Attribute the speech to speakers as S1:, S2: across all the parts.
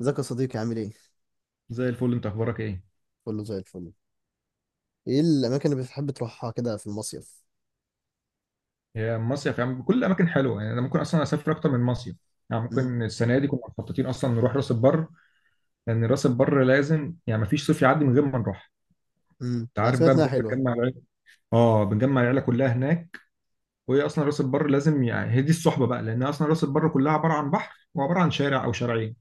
S1: ازيك يا صديقي؟ عامل ايه؟
S2: زي الفل، انت اخبارك ايه؟
S1: كله زي الفل. ايه الاماكن اللي بتحب تروحها كده في المصيف؟
S2: يا مصيف يا عم، كل الاماكن حلوه، يعني انا ممكن اصلا اسافر اكتر من مصيف. يعني
S1: امم
S2: ممكن السنه دي كنا مخططين اصلا نروح راس البر. لان راس البر لازم، يعني ما فيش صيف يعدي من غير ما نروح. انت
S1: انا
S2: عارف بقى،
S1: سمعت انها
S2: بنروح
S1: حلوه.
S2: بنجمع العيله. اه، بنجمع العيله كلها هناك. وهي اصلا راس البر لازم، يعني هي دي الصحبه بقى، لان اصلا راس البر كلها عباره عن بحر وعباره عن شارع او شارعين.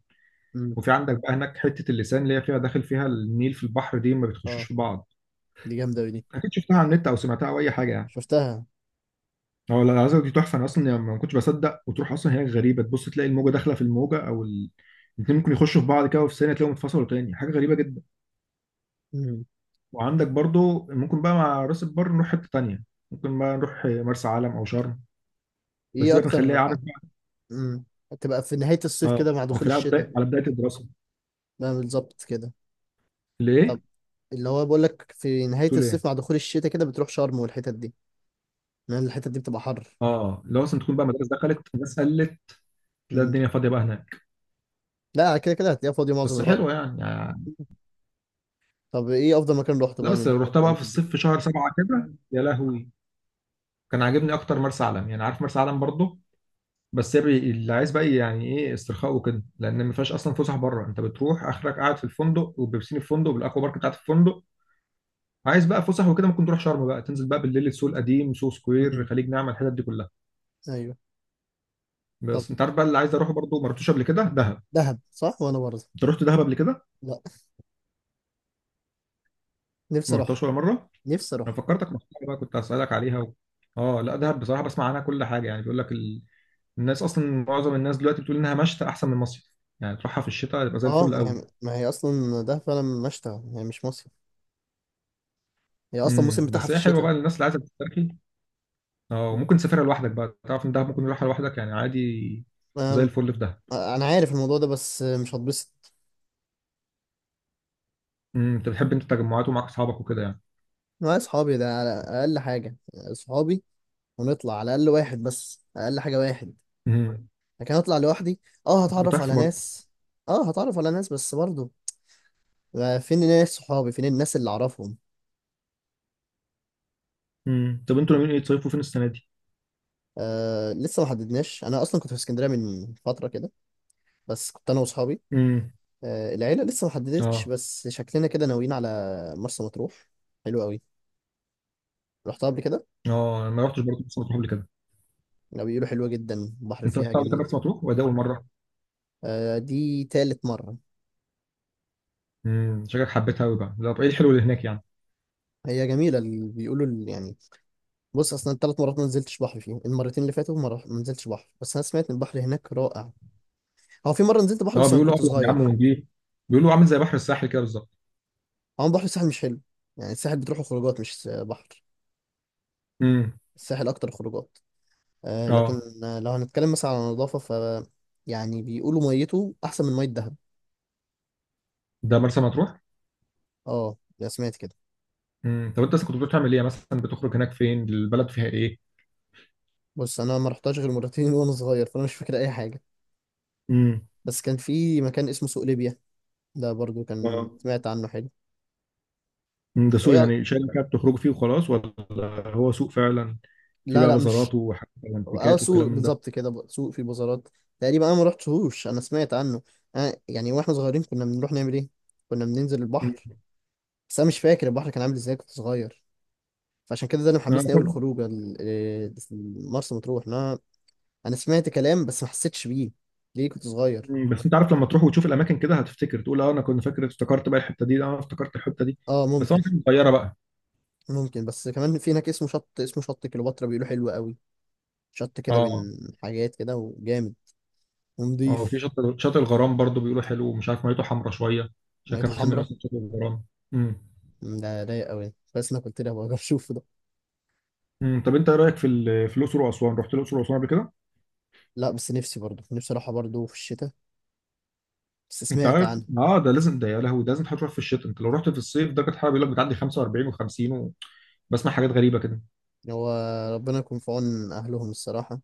S1: امم.
S2: وفي عندك بقى هناك حته اللسان، اللي هي فيها داخل فيها النيل في البحر، دي ما بتخشوش
S1: اه،
S2: في بعض.
S1: دي جامده أوي دي.
S2: اكيد شفتها على النت او سمعتها او اي حاجه يعني.
S1: شفتها.
S2: اه لا، العزا دي تحفه، انا اصلا يعني ما كنتش بصدق، وتروح اصلا هناك غريبه، تبص تلاقي الموجه داخله في الموجه، او الاتنين ممكن يخشوا في بعض كده، وفي ثانيه تلاقيهم اتفصلوا تاني، حاجه غريبه جدا.
S1: امم.
S2: وعندك برضو ممكن بقى مع راس البر نروح حته تانيه. ممكن بقى نروح مرسى علم او شرم. بس دي
S1: ايه
S2: بقى بنخليها،
S1: اكتر
S2: عارف بقى.
S1: امم، تبقى في نهايه الصيف
S2: اه،
S1: كده مع دخول
S2: بنخليها على
S1: الشتاء.
S2: بدايه الدراسه.
S1: بقى بالظبط كده.
S2: ليه؟
S1: طب، اللي هو بقول لك في نهايه
S2: تقول ايه؟
S1: الصيف مع دخول الشتاء كده بتروح شرم والحتت دي، لان الحتت دي بتبقى حر.
S2: اه لو اصلا تكون بقى مدارس دخلت، الناس قلت، تلاقي
S1: امم.
S2: الدنيا فاضيه بقى هناك.
S1: لا، كده كده هتلاقيها فاضيه معظم
S2: بس
S1: الوقت.
S2: حلوه يعني.
S1: طب ايه افضل مكان روحته
S2: لا،
S1: بقى
S2: بس
S1: من
S2: لو
S1: كل
S2: رحتها بقى في
S1: الاماكن دي؟
S2: الصيف في شهر 7 كده، يا لهوي. كان عاجبني اكتر مرسى علم، يعني عارف مرسى علم برضو. بس اللي عايز بقى يعني ايه استرخاء وكده، لان ما فيهاش اصلا فسح بره، انت بتروح اخرك قاعد في الفندق وبيبسين الفندق بالاكوا بارك بتاعت الفندق. عايز بقى فسح وكده، ممكن تروح شرم بقى، تنزل بقى بالليل السوق القديم، سوق سكوير،
S1: امم.
S2: خليج نعمة، الحتت دي كلها.
S1: ايوه. طب
S2: بس انت عارف بقى، اللي عايز اروحه برضه ما رحتوش قبل كده، دهب.
S1: دهب، صح، وانا برضه.
S2: انت رحت دهب قبل كده؟
S1: لا، نفسي
S2: ما رحتهاش
S1: اروح.
S2: ولا مره؟
S1: نفسي
S2: انا
S1: اروح.
S2: فكرتك محتاج بقى، كنت هسالك عليها اه لا، دهب بصراحه بسمع عنها كل حاجه، يعني بيقول لك الناس اصلا، معظم الناس دلوقتي بتقول انها مشتى احسن من مصيف. يعني تروحها في الشتاء يبقى زي
S1: اه،
S2: الفل
S1: ما
S2: قوي.
S1: هي ما هي اصلا ده فعلا مشتى. هي مش مصيف. هي اصلا الموسم بتاعها
S2: بس
S1: في
S2: هي حلوه
S1: الشتاء.
S2: بقى للناس اللي عايزه تسترخي. اه، ممكن تسافرها لوحدك بقى، تعرف ان دهب ممكن تروحها لوحدك يعني عادي. زي
S1: انا
S2: الفل في دهب.
S1: أنا عارف الموضوع ده بس مش هتبسط.
S2: انت بتحب انت التجمعات ومعاك اصحابك وكده يعني.
S1: معايا صحابي ده على اقل حاجه، صحابي، ونطلع على الاقل واحد بس اقل حاجه واحد.
S2: امم
S1: لكن اطلع لوحدي؟ اه،
S2: بتبقى
S1: هتعرف على
S2: تحفه برضه.
S1: ناس. اه، هتعرف على ناس بس برضه، آه، فين الناس صحابي، فين الناس اللي اعرفهم؟
S2: طب انتوا ناويين ايه تصيفوا فين السنه دي؟
S1: آه، لسه ما حددناش. انا اصلا كنت في اسكندريه من فتره كده بس كنت انا واصحابي.
S2: امم.
S1: آه، العيلة لسه ما حددتش
S2: اه.
S1: بس شكلنا كده ناويين على مرسى مطروح. حلو قوي. رحتها قبل كده.
S2: اه، انا ما رحتش برضه مرسى مطروح قبل كده.
S1: لو بيقولوا حلوة جدا، البحر
S2: انت
S1: فيها
S2: رحت قبل كده
S1: جميل.
S2: مرسى مطروح ولا ده اول مره؟
S1: آه، دي تالت مرة.
S2: شكلك حبيتها قوي بقى. لا، طب ايه الحلو اللي هناك يعني؟
S1: هي جميلة. اللي بيقولوا يعني، بص أصلا التلات مرات ما نزلتش بحر فيهم، المرتين اللي فاتوا ما نزلتش بحر، بس أنا سمعت إن البحر هناك رائع. هو في مرة نزلت بحر
S2: اه،
S1: بس أنا
S2: بيقولوا
S1: كنت
S2: ابيض يا عم
S1: صغير.
S2: ونجيب. بيقولوا عامل زي بحر الساحل كده بالظبط.
S1: هو بحر الساحل مش حلو، يعني الساحل بتروحوا خروجات مش بحر.
S2: امم.
S1: الساحل أكتر خروجات. آه، لكن
S2: اه،
S1: آه، لو هنتكلم مثلا على النظافة، ف يعني بيقولوا ميته أحسن من مية دهب.
S2: ده مرسى مطروح.
S1: اه، لا سمعت كده.
S2: طب انت اصلا كنت بتعمل ايه يعني، مثلا بتخرج هناك، فين البلد فيها ايه؟
S1: بص انا ما رحتش غير مرتين وانا صغير، فانا مش فاكر اي حاجه.
S2: امم.
S1: بس كان في مكان اسمه سوق ليبيا، ده برضو
S2: اه.
S1: كان سمعت عنه حلو.
S2: ده سوق
S1: وهي،
S2: يعني شركة بتخرج فيه وخلاص، ولا هو سوق فعلا؟ في
S1: لا
S2: بقى
S1: لا مش،
S2: بازارات وحاجات
S1: اه
S2: وانتيكات
S1: سوق
S2: والكلام من ده.
S1: بالظبط كده، سوق في بازارات. تقريبا انا ما رحتهوش انا سمعت عنه. أنا يعني واحنا صغيرين كنا بنروح نعمل ايه؟ كنا بننزل
S2: مم.
S1: البحر. بس انا مش فاكر البحر كان عامل ازاي، كنت صغير. فعشان كده ده اللي
S2: آه،
S1: محمسني قوي الخروج مرسى مطروح. انا انا سمعت كلام بس ما حسيتش بيه، ليه كنت صغير.
S2: بس انت عارف، لما تروح وتشوف الاماكن كده هتفتكر، تقول اه انا كنت فاكر، افتكرت بقى الحته دي، اه افتكرت الحته دي.
S1: اه
S2: بس هو
S1: ممكن.
S2: كانت صغيره بقى.
S1: ممكن، بس كمان في هناك اسمه شط، اسمه شط كليوباترا، بيقولوا حلو قوي. شط كده
S2: اه،
S1: بين حاجات كده، وجامد
S2: اه، في
S1: ونضيف.
S2: شاطئ الغرام برضو بيقولوا حلو، ومش عارف ميته حمرا شويه، عشان
S1: ميته
S2: كانوا مسمينه
S1: حمرا.
S2: اصلا شاطئ الغرام. امم.
S1: مم، ده رايق قوي بس انا كنت لها بقى اشوف ده.
S2: امم، طب انت ايه رايك في الاقصر واسوان؟ رحت الاقصر واسوان قبل كده؟
S1: لا، بس نفسي برضه، نفسي اروحها برضه في الشتاء، بس
S2: انت
S1: سمعت
S2: عارف،
S1: عنها.
S2: اه ده لازم، ده يا لهوي، ده لازم تروح في الشتاء. انت لو رحت في الصيف درجه الحراره بيقول لك بتعدي 45 و50. بسمع حاجات غريبه كده.
S1: هو ربنا يكون في عون اهلهم الصراحه،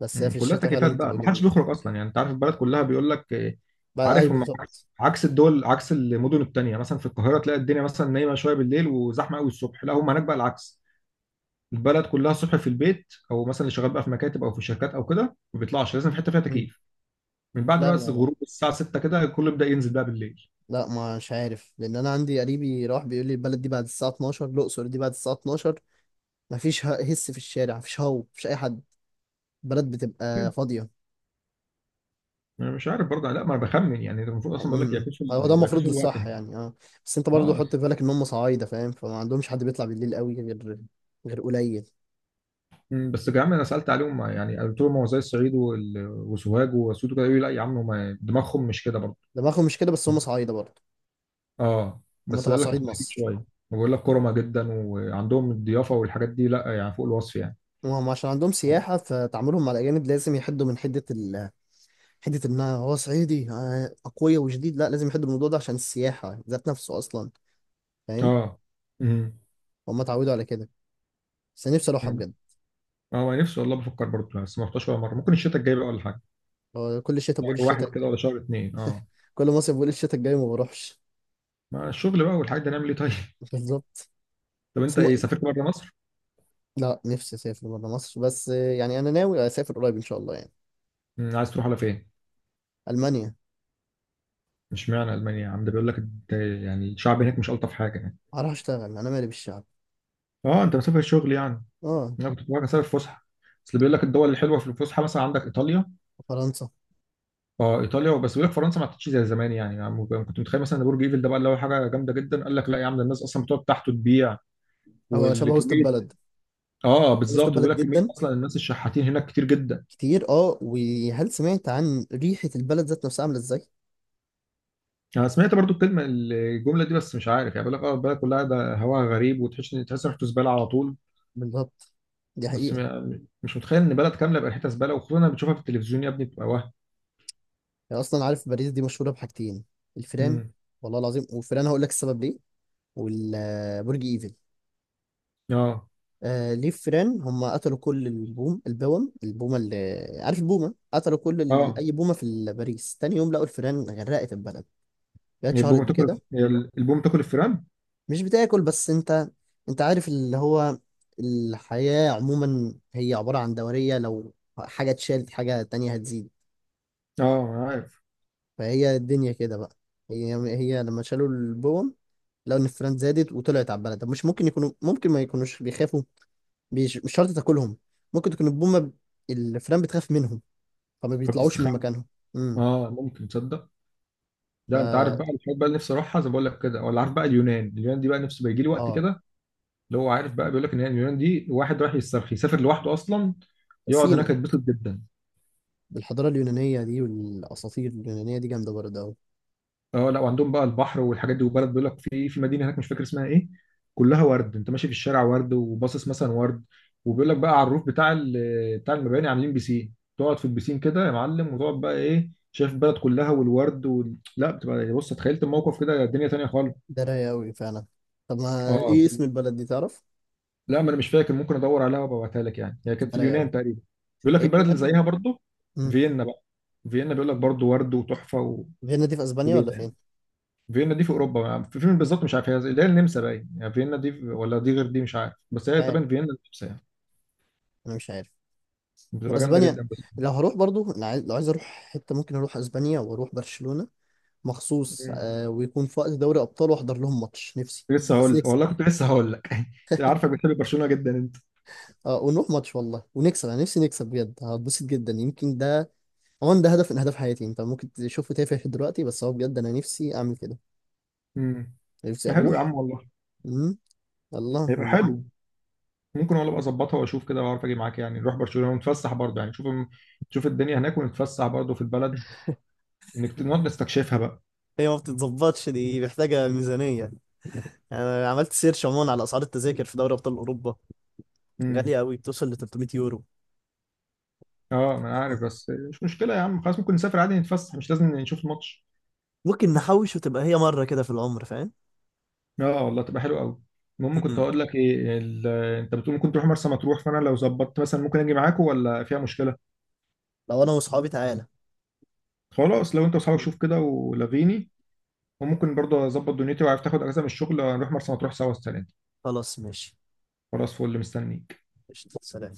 S1: بس هي
S2: مم.
S1: في
S2: كلها
S1: الشتاء فعلا
S2: تكييفات بقى،
S1: بتبقى
S2: ما حدش
S1: جميله.
S2: بيخرج اصلا يعني، انت عارف البلد كلها، بيقول لك آه،
S1: بقى آه، اي
S2: عارف، هم عكس
S1: بالظبط.
S2: عكس الدول، عكس المدن التانية، مثلا في القاهره تلاقي الدنيا مثلا نايمه شويه بالليل وزحمه قوي الصبح. لا، هم هناك بقى العكس. البلد كلها الصبح في البيت، او مثلا اللي شغال بقى في مكاتب او في شركات او كده ما بيطلعش، لازم في حته فيها
S1: مم.
S2: تكييف. من بعد
S1: لا
S2: بقى
S1: لا لا،
S2: غروب الساعه 6 كده، الكل يبدا ينزل بقى بالليل.
S1: لا ما مش عارف، لان انا عندي قريبي راح بيقول لي البلد دي بعد الساعه 12، الاقصر دي بعد الساعه 12 مفيش هس في الشارع، مفيش، هو مفيش اي حد. بلد بتبقى فاضية.
S2: انا مش عارف برضه، لا ما انا بخمن يعني، ده المفروض اصلا، بقول لك
S1: امم،
S2: يعكسوا
S1: هو ده
S2: ال-
S1: المفروض
S2: يعكسوا الوقت
S1: الصح
S2: هنا.
S1: يعني، اه. بس انت برضه
S2: اه.
S1: حط في بالك ان هم صعايدة، فاهم؟ فما عندهمش حد بيطلع بالليل قوي غير، غير قليل.
S2: بس يا عم انا سالت عليهم، يعني قلت لهم هو زي الصعيد وسوهاج واسيوط كده، يقولوا لي لا يا عم، هم دماغهم مش كده برضه.
S1: دماغهم مش كده بس هم صعايدة برضه.
S2: اه،
S1: هم
S2: بس
S1: تبع
S2: قال لك
S1: صعيد
S2: مختلفين
S1: مصر.
S2: شويه. بقول لك كرمه جدا، وعندهم الضيافه والحاجات دي، لا يعني فوق الوصف يعني.
S1: وهم عشان عندهم سياحة، فتعاملهم مع الأجانب لازم يحدوا من حدة حدة إن هو صعيدي آه، أقوياء وشديد. لا، لازم يحدوا من الموضوع ده عشان السياحة ذات نفسه أصلا. فاهم؟
S2: اه. امم.
S1: هم اتعودوا على كده. بس أنا نفسي أروحها
S2: أمم.
S1: بجد.
S2: اه، ما نفسي والله، بفكر برضه بس ما رحتش ولا مره، ممكن الشتاء الجاي بقى ولا حاجه.
S1: هو كل شتاء بقول
S2: شهر واحد
S1: الشتاء،
S2: كده ولا شهر اتنين، اه.
S1: كل مصيف بقول الشتاء الجاي ما بروحش.
S2: ما الشغل بقى والحاجات دي، نعمل ايه طيب؟
S1: بالظبط.
S2: طب انت ايه، سافرت بره مصر؟
S1: لا، نفسي اسافر بره مصر، بس يعني انا ناوي اسافر قريب ان شاء الله يعني.
S2: عايز تروح على فين؟
S1: المانيا.
S2: مش معنى المانيا يا عم، ده بيقول لك يعني الشعب هناك مش الطف حاجه يعني.
S1: هروح اشتغل، انا مالي بالشعب.
S2: اه، انت مسافر شغل يعني؟
S1: اه.
S2: انا كنت بتفرج على سبب الفسحه. اصل بيقول لك الدول الحلوه في الفسحه، مثلا عندك ايطاليا.
S1: فرنسا.
S2: اه ايطاليا، بس بيقول لك فرنسا ما عادتش زي زمان يعني، كنت متخيل مثلا ان برج ايفل ده بقى اللي هو حاجه جامده جدا، قال لك لا يا عم، ده الناس اصلا بتقعد تحته تبيع،
S1: هو شبه وسط
S2: والكميه.
S1: البلد.
S2: اه
S1: وسط
S2: بالظبط، وبيقول
S1: البلد
S2: لك كميه
S1: جدا.
S2: اصلا، الناس الشحاتين هناك كتير جدا.
S1: كتير، اه. وهل سمعت عن ريحة البلد ذات نفسها عاملة ازاي؟
S2: انا سمعت برضو الكلمه، الجمله دي، بس مش عارف يعني. بيقول لك اه البلد كلها ده هواها غريب، وتحس ان تحس إن ريحته زباله على طول.
S1: بالظبط، دي
S2: بس
S1: حقيقة.
S2: مش متخيل ان بلد كامله بقى ريحتها زباله، وخصوصا لما بتشوفها في التلفزيون يا ابني بتبقى وهم.
S1: يعني اصلا عارف باريس دي مشهورة بحاجتين: الفيران،
S2: مم.
S1: والله العظيم، والفيران هقول لك السبب ليه، والبرج ايفل.
S2: اه،
S1: آه ليه فيران؟ هم قتلوا كل البوم، البوم البومة، اللي عارف البومة، قتلوا كل
S2: اه،
S1: أي بومة في باريس. تاني يوم لقوا الفيران غرقت البلد. هي اتشهرت
S2: البومه تاكل
S1: بكده.
S2: البومه تاكل الفيران.
S1: مش بتاكل، بس أنت، أنت عارف اللي هو الحياة عموما هي عبارة عن دورية، لو حاجة اتشالت حاجة تانية هتزيد.
S2: اه عارف.
S1: فهي الدنيا كده بقى. هي هي لما شالوا البوم لقوا إن الفيران زادت وطلعت على البلد. طب مش ممكن يكونوا، ممكن ما يكونوش بيخافوا؟ مش مش شرط تاكلهم، ممكن تكون البومة الفيران بتخاف منهم، فما بيطلعوش من
S2: فبتستخبى.
S1: مكانهم. امم.
S2: اه، ممكن تصدق.
S1: ف
S2: ده انت عارف بقى الحاجات بقى اللي نفسي اروحها زي ما بقول لك كده، ولا عارف بقى، اليونان دي بقى نفسي بيجي لي وقت
S1: اه،
S2: كده. اللي هو عارف بقى، بيقول لك ان هي اليونان دي، واحد رايح يسترخي يسافر لوحده اصلا، يقعد هناك
S1: سينا
S2: يتبسط جدا.
S1: بالحضاره اليونانيه دي والاساطير اليونانيه دي جامده برضه قوي.
S2: اه لا، وعندهم بقى البحر والحاجات دي، وبلد بيقول لك، في مدينه هناك مش فاكر اسمها ايه، كلها ورد، انت ماشي في الشارع ورد، وباصص مثلا ورد. وبيقول لك بقى على الروف بتاع المباني عاملين بيسين، تقعد في البيسين كده يا معلم، وتقعد بقى ايه، شايف البلد كلها والورد لا بتبقى يعني، بص تخيلت الموقف كده الدنيا تانية خالص.
S1: ده رايق قوي فعلا. طب ما
S2: اه
S1: ايه اسم البلد دي، تعرف؟
S2: لا، ما انا مش فاكر، ممكن ادور عليها وابعتها لك يعني، هي كانت
S1: ده
S2: في
S1: رايق قوي.
S2: اليونان تقريبا. بيقول لك
S1: هي
S2: البلد اللي
S1: اليونان.
S2: زيها برضو.
S1: امم.
S2: فيينا بقى. فيينا بيقول لك برضو ورد وتحفه
S1: فيينا دي في اسبانيا
S2: وليله
S1: ولا فين؟
S2: يعني. فيينا دي في اوروبا يعني، في فين بالظبط مش عارف، هي اللي هي النمسا باين يعني، فيينا دي ولا دي غير دي، مش عارف، بس
S1: مش
S2: هي
S1: عارف،
S2: طبعا فيينا النمسا يعني.
S1: انا مش عارف. لو
S2: بتبقى جامده
S1: اسبانيا،
S2: جدا بس.
S1: لو هروح برضه، لو عايز، لو عايز اروح حته ممكن اروح اسبانيا واروح برشلونه مخصوص
S2: مم.
S1: آه، ويكون في وقت دوري ابطال واحضر لهم ماتش، نفسي.
S2: لسه
S1: بس
S2: هقول لك
S1: نكسب.
S2: والله، كنت لسه هقول لك عارفك بتحب برشلونه جدا انت.
S1: اه، ونروح ماتش والله ونكسب، انا نفسي نكسب بجد. هتبسط جدا يمكن ده، هو ده هدف من اهداف حياتي. انت ممكن تشوفه تافه دلوقتي بس هو بجد انا نفسي اعمل كده.
S2: امم
S1: نفسي
S2: يا حلو
S1: اروح.
S2: يا عم والله.
S1: امم. الله،
S2: هيبقى
S1: ونروح له.
S2: حلو. ممكن والله ابقى اظبطها واشوف كده، واعرف اجي معاك يعني، نروح برشلونه ونتفسح برضه يعني، نشوف الدنيا هناك ونتفسح برضه في البلد، نقعد نستكشفها بقى.
S1: هي ما بتتظبطش دي، محتاجة ميزانية. أنا عملت سيرش عموما على أسعار التذاكر في دوري أبطال أوروبا،
S2: امم،
S1: غالية أوي، بتوصل ل 300 يورو.
S2: اه، ما انا عارف، بس مش مشكله يا عم خلاص، ممكن نسافر عادي نتفسح، مش لازم نشوف الماتش.
S1: ممكن نحوش وتبقى هي مرة كده في العمر، فاهم؟
S2: اه، آه، والله تبقى حلو قوي. المهم كنت
S1: مم.
S2: هقول لك ايه انت بتقول ممكن تروح مرسى مطروح، فانا لو ظبطت مثلا ممكن اجي معاكم ولا فيها مشكله؟
S1: لو أنا وأصحابي تعالى.
S2: خلاص لو انت واصحابك، شوف كده ولغيني. وممكن برضه اظبط دنيتي، وعارف تاخد اجازه من الشغل هنروح مرسى مطروح سوا السنه دي.
S1: خلاص ماشي.
S2: خلاص، فل مستنيك.
S1: قشطة، سلام.